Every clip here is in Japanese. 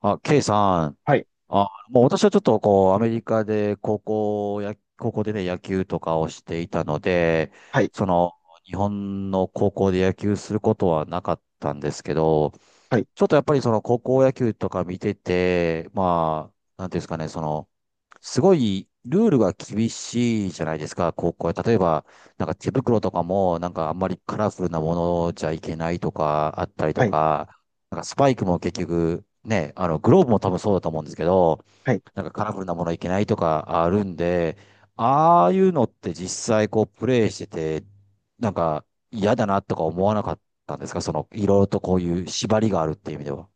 あ、ケイさん。はい、あ、もう私はちょっとこう、アメリカで高校でね、野球とかをしていたので、はい、その、日本の高校で野球することはなかったんですけど、はい、ちょっとやっぱりその高校野球とか見てて、まあ、なんていうんですかね、すごいルールが厳しいじゃないですか、高校は。例えば、なんか手袋とかも、なんかあんまりカラフルなものじゃいけないとか、あったりとはい、か、なんかスパイクも結局、ね、あの、グローブも多分そうだと思うんですけど、はい。なんかカラフルなものいけないとかあるんで、ああいうのって実際こうプレイしてて、なんか嫌だなとか思わなかったんですかその、いろいろとこういう縛りがあるっていう意味では。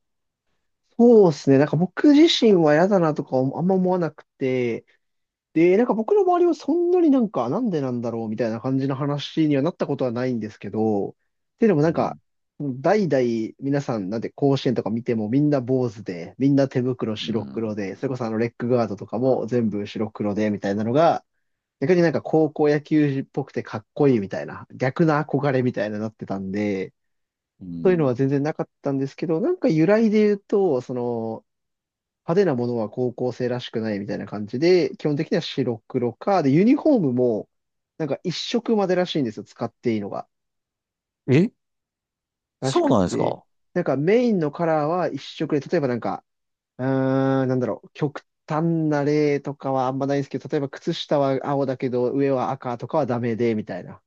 そうですね。なんか僕自身は嫌だなとかあんま思わなくて、で、なんか僕の周りはそんなになんか、なんでなんだろうみたいな感じの話にはなったことはないんですけど、っていうのもうなんか、ん。代々皆さんなんで甲子園とか見てもみんな坊主で、みんな手袋う白ん。黒で、それこそあのレッグガードとかも全部白黒でみたいなのが、逆になんか高校野球児っぽくてかっこいいみたいな、逆な憧れみたいななってたんで、うそういうのはん。全然なかったんですけど、なんか由来で言うと、その、派手なものは高校生らしくないみたいな感じで、基本的には白黒か、で、ユニフォームも、なんか一色までらしいんですよ、使っていいのが。え、らしそうくなんですて。か。なんかメインのカラーは一色で、例えばなんか、うーなんだろう、極端な例とかはあんまないんですけど、例えば靴下は青だけど、上は赤とかはダメで、みたいな。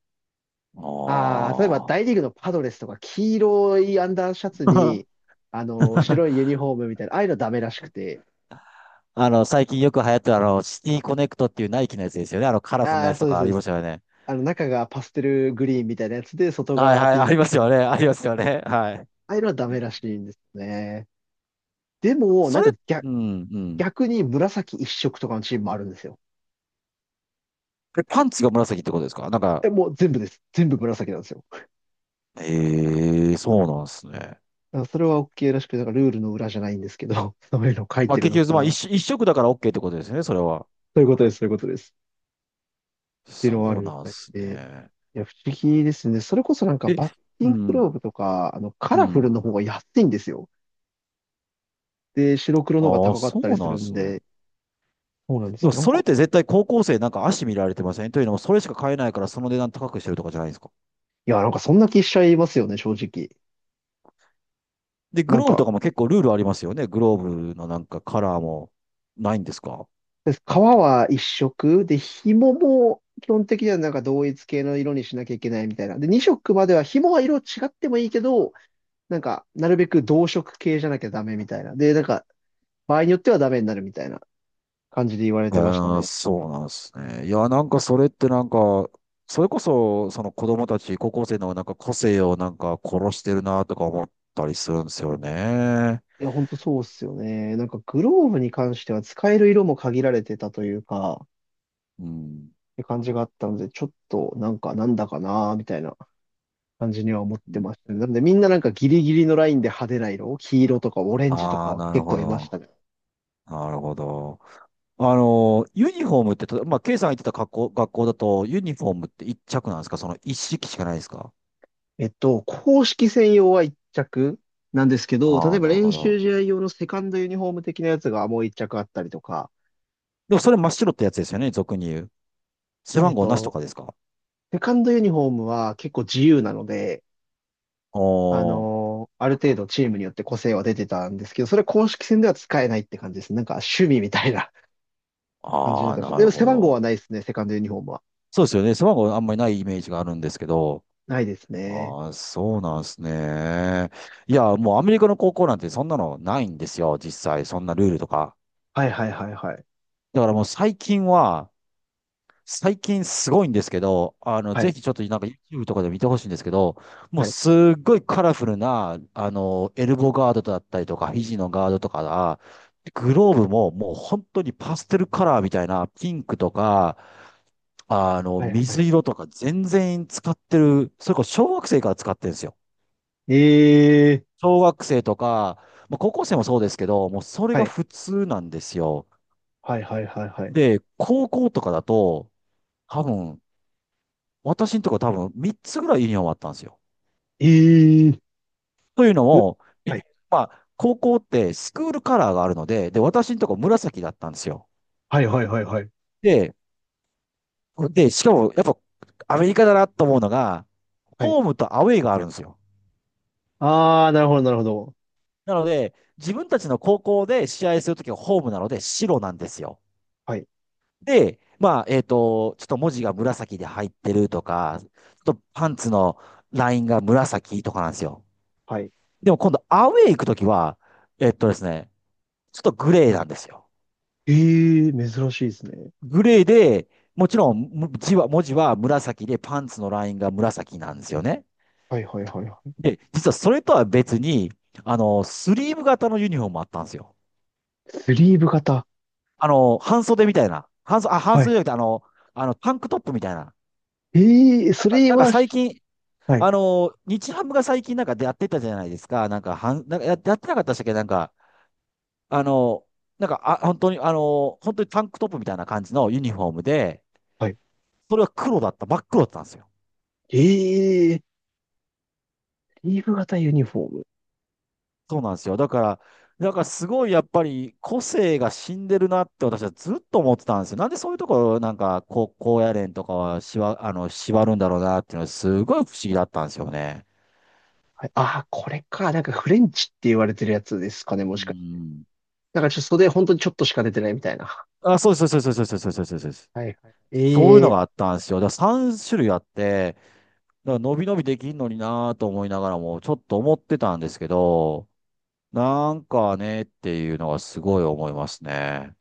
あああ、例えばあ。 大リーグのパドレスとか黄色いアンダーシャツに、あの、白いユ ニフォームみたいな、ああいうのダメらしくて。あの、最近よく流行ってるあの、シティコネクトっていうナイキのやつですよね。あの、カラフルなああ、やつそとうです、かそあうでります。したよね。あの、中がパステルグリーンみたいなやつで、外はい側はい、ピあンりまク。すよね。ありますよね。はい。ああいうのはダメらしいんですね。でも、そなんれ、かうん、うん。逆に紫一色とかのチームもあるんですよ。え、パンツが紫ってことですかなんえ、か。もう全部です。全部紫なんですよ。ええ、そうなんですね。だからそれは OK らしくて、なんかルールの裏じゃないんですけど、そういうの書いまあてる結のか局、まな。あ一そ色、一色だから OK ってことですね、それは。ういうことです、そういうことです。っていうのはあそるうみなんたでいすで。ね。いや、不思議ですね。それこそなんかえ、バッティうンググん、ローブとか、あの、カうラフルん。の方が安いんですよ。で、白黒の方がああ、高かっそたりうすなんるでんすね。で、そうなんでです。もなんそれっか、て絶対高校生なんか足見られてませんというのも、それしか買えないからその値段高くしてるとかじゃないですか。いや、なんかそんな気しちゃいますよね、正直。で、なグんローブとか、かも結構ルールありますよね。グローブのなんかカラーもないんですか。革は一色で、紐も基本的にはなんか同一系の色にしなきゃいけないみたいな。で、二色までは紐は色違ってもいいけど、なんか、なるべく同色系じゃなきゃダメみたいな。で、なんか、場合によってはダメになるみたいな感じで言われてましたあー、ね。そうなんですね。いや、なんかそれってなんか、それこそ、その子供たち、高校生のなんか個性をなんか殺してるなとか思ったりするんですよね。いや、ほんとそうっすよね。なんかグローブに関しては使える色も限られてたというか、っうん。て感じがあったので、ちょっとなんかなんだかなーみたいな感じには思ってましたね。なんでみんななんかギリギリのラインで派手な色、黄色とかオレンジとああ、かなる結ほ構いましど。たね。なるほど。あの、ユニフォームって、たまあ、ケイさんが言ってた学校だと、ユニフォームって一着なんですかその一式しかないですか。公式専用は1着なんですけど、あ例あえー、ばなる練ほ習ど。試合用のセカンドユニフォーム的なやつがもう1着あったりとか、でもそれ真っ白ってやつですよね、俗に言う。背え番っ号なしとと、かですか。セカンドユニフォームは結構自由なので、おー。ある程度チームによって個性は出てたんですけど、それ公式戦では使えないって感じです。なんか趣味みたいな 感じにあなっあ、てました。なでもる背ほ番号はど。ないですね、セカンドユニフォームは。そうですよね。背番号あんまりないイメージがあるんですけど。ないですね。ああ、そうなんですね。いや、もうアメリカの高校なんてそんなのないんですよ。実際、そんなルールとか。はいはいはいはい。だからもう最近は、最近すごいんですけど、はい、ぜひちょっとなんか YouTube とかで見てほしいんですけど、もうはい、すっごいカラフルな、あの、エルボーガードだったりとか、肘のガードとかが、グローブももう本当にパステルカラーみたいな、ピンクとか、あの、はい、はい。水色とか全然使ってる、それこそ小学生から使ってるんですよ。ええ小学生とか、まあ、高校生もそうですけど、もうそれはがい、普通なんですよ。はいはいはいはい。で、高校とかだと、多分、私のとこ多分3つぐらいユニフォームあったんですよ。ええというのうも、えはい、まあ、高校ってスクールカラーがあるので、で、私のとこ紫だったんですよ。はいはいはいはい。で、で、しかもやっぱアメリカだなと思うのが、はい。ホームとアウェイがあるんですよ。あー、なるほどなるほど。なので、自分たちの高校で試合するときはホームなので白なんですよ。はい、で、まあ、ちょっと文字が紫で入ってるとか、ちょっとパンツのラインが紫とかなんですよ。はい。でも今度アウェイ行くときは、えっとですね、ちょっとグレーなんですよ。ええ珍しいですね。グレーで、もちろん文字は紫でパンツのラインが紫なんですよね。はいはいはいはい。で、実はそれとは別に、あの、スリーブ型のユニフォームもあったんですよ。スリーブ型。あの、半袖みたいな。あ、半は袖い。じゃなくて、あの、タンクトップみたいな。ええそれなんかは最し、近、はい、あの、日ハムが最近なんかやってたじゃないですか。なんか、なんかやってなかったでしたっけなんか、あの、なんか、あ、本当に、あの、本当にタンクトップみたいな感じのユニフォームで、はい。それは黒だった、真っ黒だったんですよ。ええリーフ型ユニフォーム。そうなんですよ。だから、なんかすごいやっぱり個性が死んでるなって私はずっと思ってたんですよ。なんでそういうところなんかこう、高野連とかはあの、縛るんだろうなっていうのはすごい不思議だったんですよね。はい、ああ、これか。なんかフレンチって言われてるやつですかね、うもしかして。ん。だからちょっと袖本当にちょっとしか出てないみたいな。あ、そうですそうですそうですそうですそうですそうです。はいはい。そういうえのえがあったんですよ。だから3種類あって、だから伸び伸びできんのになぁと思いながらも、ちょっと思ってたんですけど、なんかねっていうのがすごい思いますね。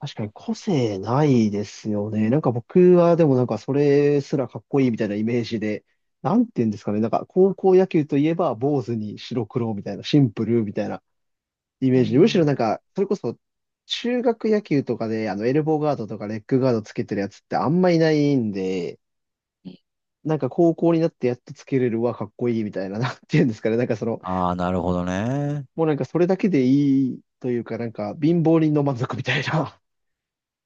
確かに個性ないですよね。なんか僕はでもなんかそれすらかっこいいみたいなイメージで、なんて言うんですかね。なんか高校野球といえば坊主に白黒みたいな、シンプルみたいなイうん。メージで、むしろなんん。か、それこそ中学野球とかであのエルボーガードとかレッグガードつけてるやつってあんまいないんで、なんか高校になってやっとつけれるわ、かっこいいみたいな、なんていうんですかね。なんかその、ああ、なるほどね。もうなんかそれだけでいいというか、なんか貧乏人の満足みたいな。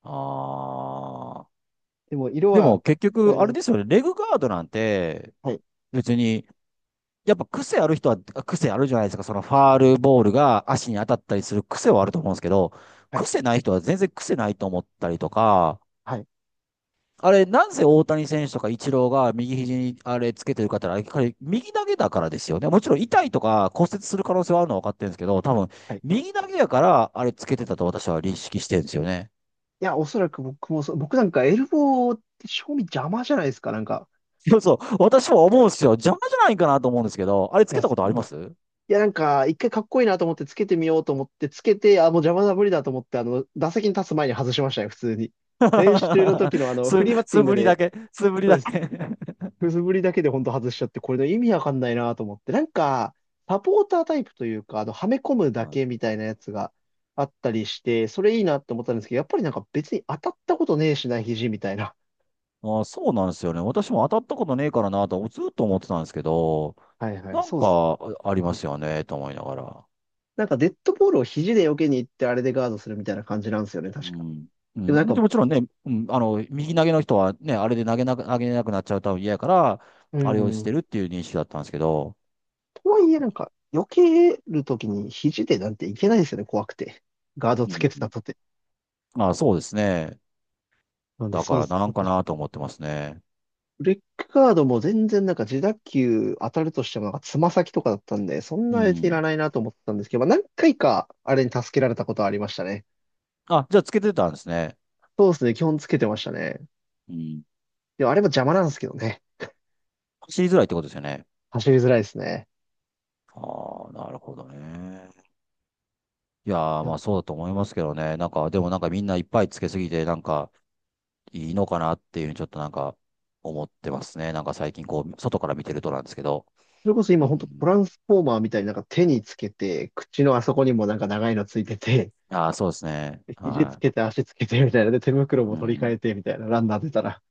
ああ。でも色ではも結使え局、あなれい。ですよね。レグガードなんて、はい、別に、やっぱ癖ある人は癖あるじゃないですか。そのファールボールが足に当たったりする癖はあると思うんですけど、はい、癖ない人は全然癖ないと思ったりとか、はい、あれ、なんせ大谷選手とかイチローが右肘にあれつけてる方は、彼、右投げだからですよね。もちろん痛いとか骨折する可能性はあるのは分かってるんですけど、多分、はい。い右投げやからあれつけてたと私は認識してるんですよね。や、おそらく僕もそう、僕なんかエルボーって正味邪魔じゃないですか、なんか。そうそう、私も思うんですよ。邪魔じゃないかなと思うんですけど、あれついけや、たそことあうりなんまです。す。いや、なんか、一回かっこいいなと思ってつけてみようと思って、つけて、あ、もう邪魔だ無理だと思って、あの、打席に立つ前に外しましたよ、普通に。素 練習の時のあの、フリーバッ ティングで、素振りだけ くすぶりだけでほんと外しちゃって、これの意味わかんないなと思って。なんか、サポータータイプというか、あの、はめ込むだけみたいなやつがあったりして、それいいなって思ったんですけど、やっぱりなんか別に当たったことねえしな、肘みたいな。あー、そうなんですよね。私も当たったことねえからなと、ずっと思ってたんですけど、はいはい、なんそうっす。かありますよね、と思いながら。なんかデッドボールを肘で避けに行ってあれでガードするみたいな感じなんですよね、う確か。ん。うでもなんん、でか、もちろんね、うん、あの、右投げの人はね、あれで投げれなくなっちゃうと嫌やから、うあれをしてん、るっていう認識だったんですけど、とはいえなんか、避けるときに肘でなんていけないですよね、怖くて。ガードうつけてたん。とて。あ、そうですね。なんでだかそうっらす。なんかなと思ってますね。レックガードも全然なんか自打球当たるとしてもなんかつま先とかだったんで、そんうなやついらん。ないなと思ってたんですけど、まあ、何回かあれに助けられたことはありましたね。あ、じゃあつけてたんですね。そうですね、基本つけてましたね。うん。でもあれも邪魔なんですけどね。走りづらいってことですよね。走りづらいですね。ああ、なるほどね。いやー、いまや、あそうだと思いますけどね。なんか、でもなんかみんないっぱいつけすぎて、なんかいいのかなっていうふうにちょっとなんか思ってますね。なんか最近こう、外から見てるとなんですけど。それこそう今本当トん。ランスフォーマーみたいになんか手につけて、口のあそこにもなんか長いのついてて、ああ、そうですね。で肘つはけて足つけてみたいな。で、手袋い。もう取り替えん。てみたいな。ランナー出たら。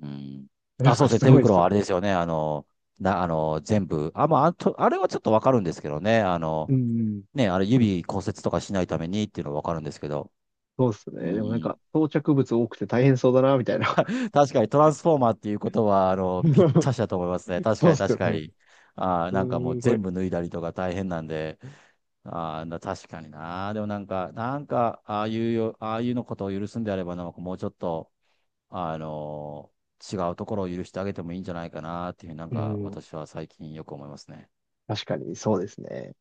うん。なんあ、そうかですね。す手ごいで袋すはよ。あれですよね。あの、あの、全部。あ、まあ、あと、あれはちょっとわかるんですけどね。あうの、んうん。ね、あれ指骨折とかしないためにっていうのはわかるんですけど。そうですうね。でもなんん。か装着物多くて大変そうだな、みたいな。確かにトランスフォーマーっていうことは、あの、ぴったし だと思いますね。確そかうっにすよ確かね。に。あーすなんかもうーご全い。部脱いだりとか大変なんで、あーな確かにな。でもなんか、なんか、ああいうよ、ああいうのことを許すんであれば、なんかもうちょっと、あの違うところを許してあげてもいいんじゃないかなっていうふうになんうかん。私は最近よく思いますね。確かに、そうですね。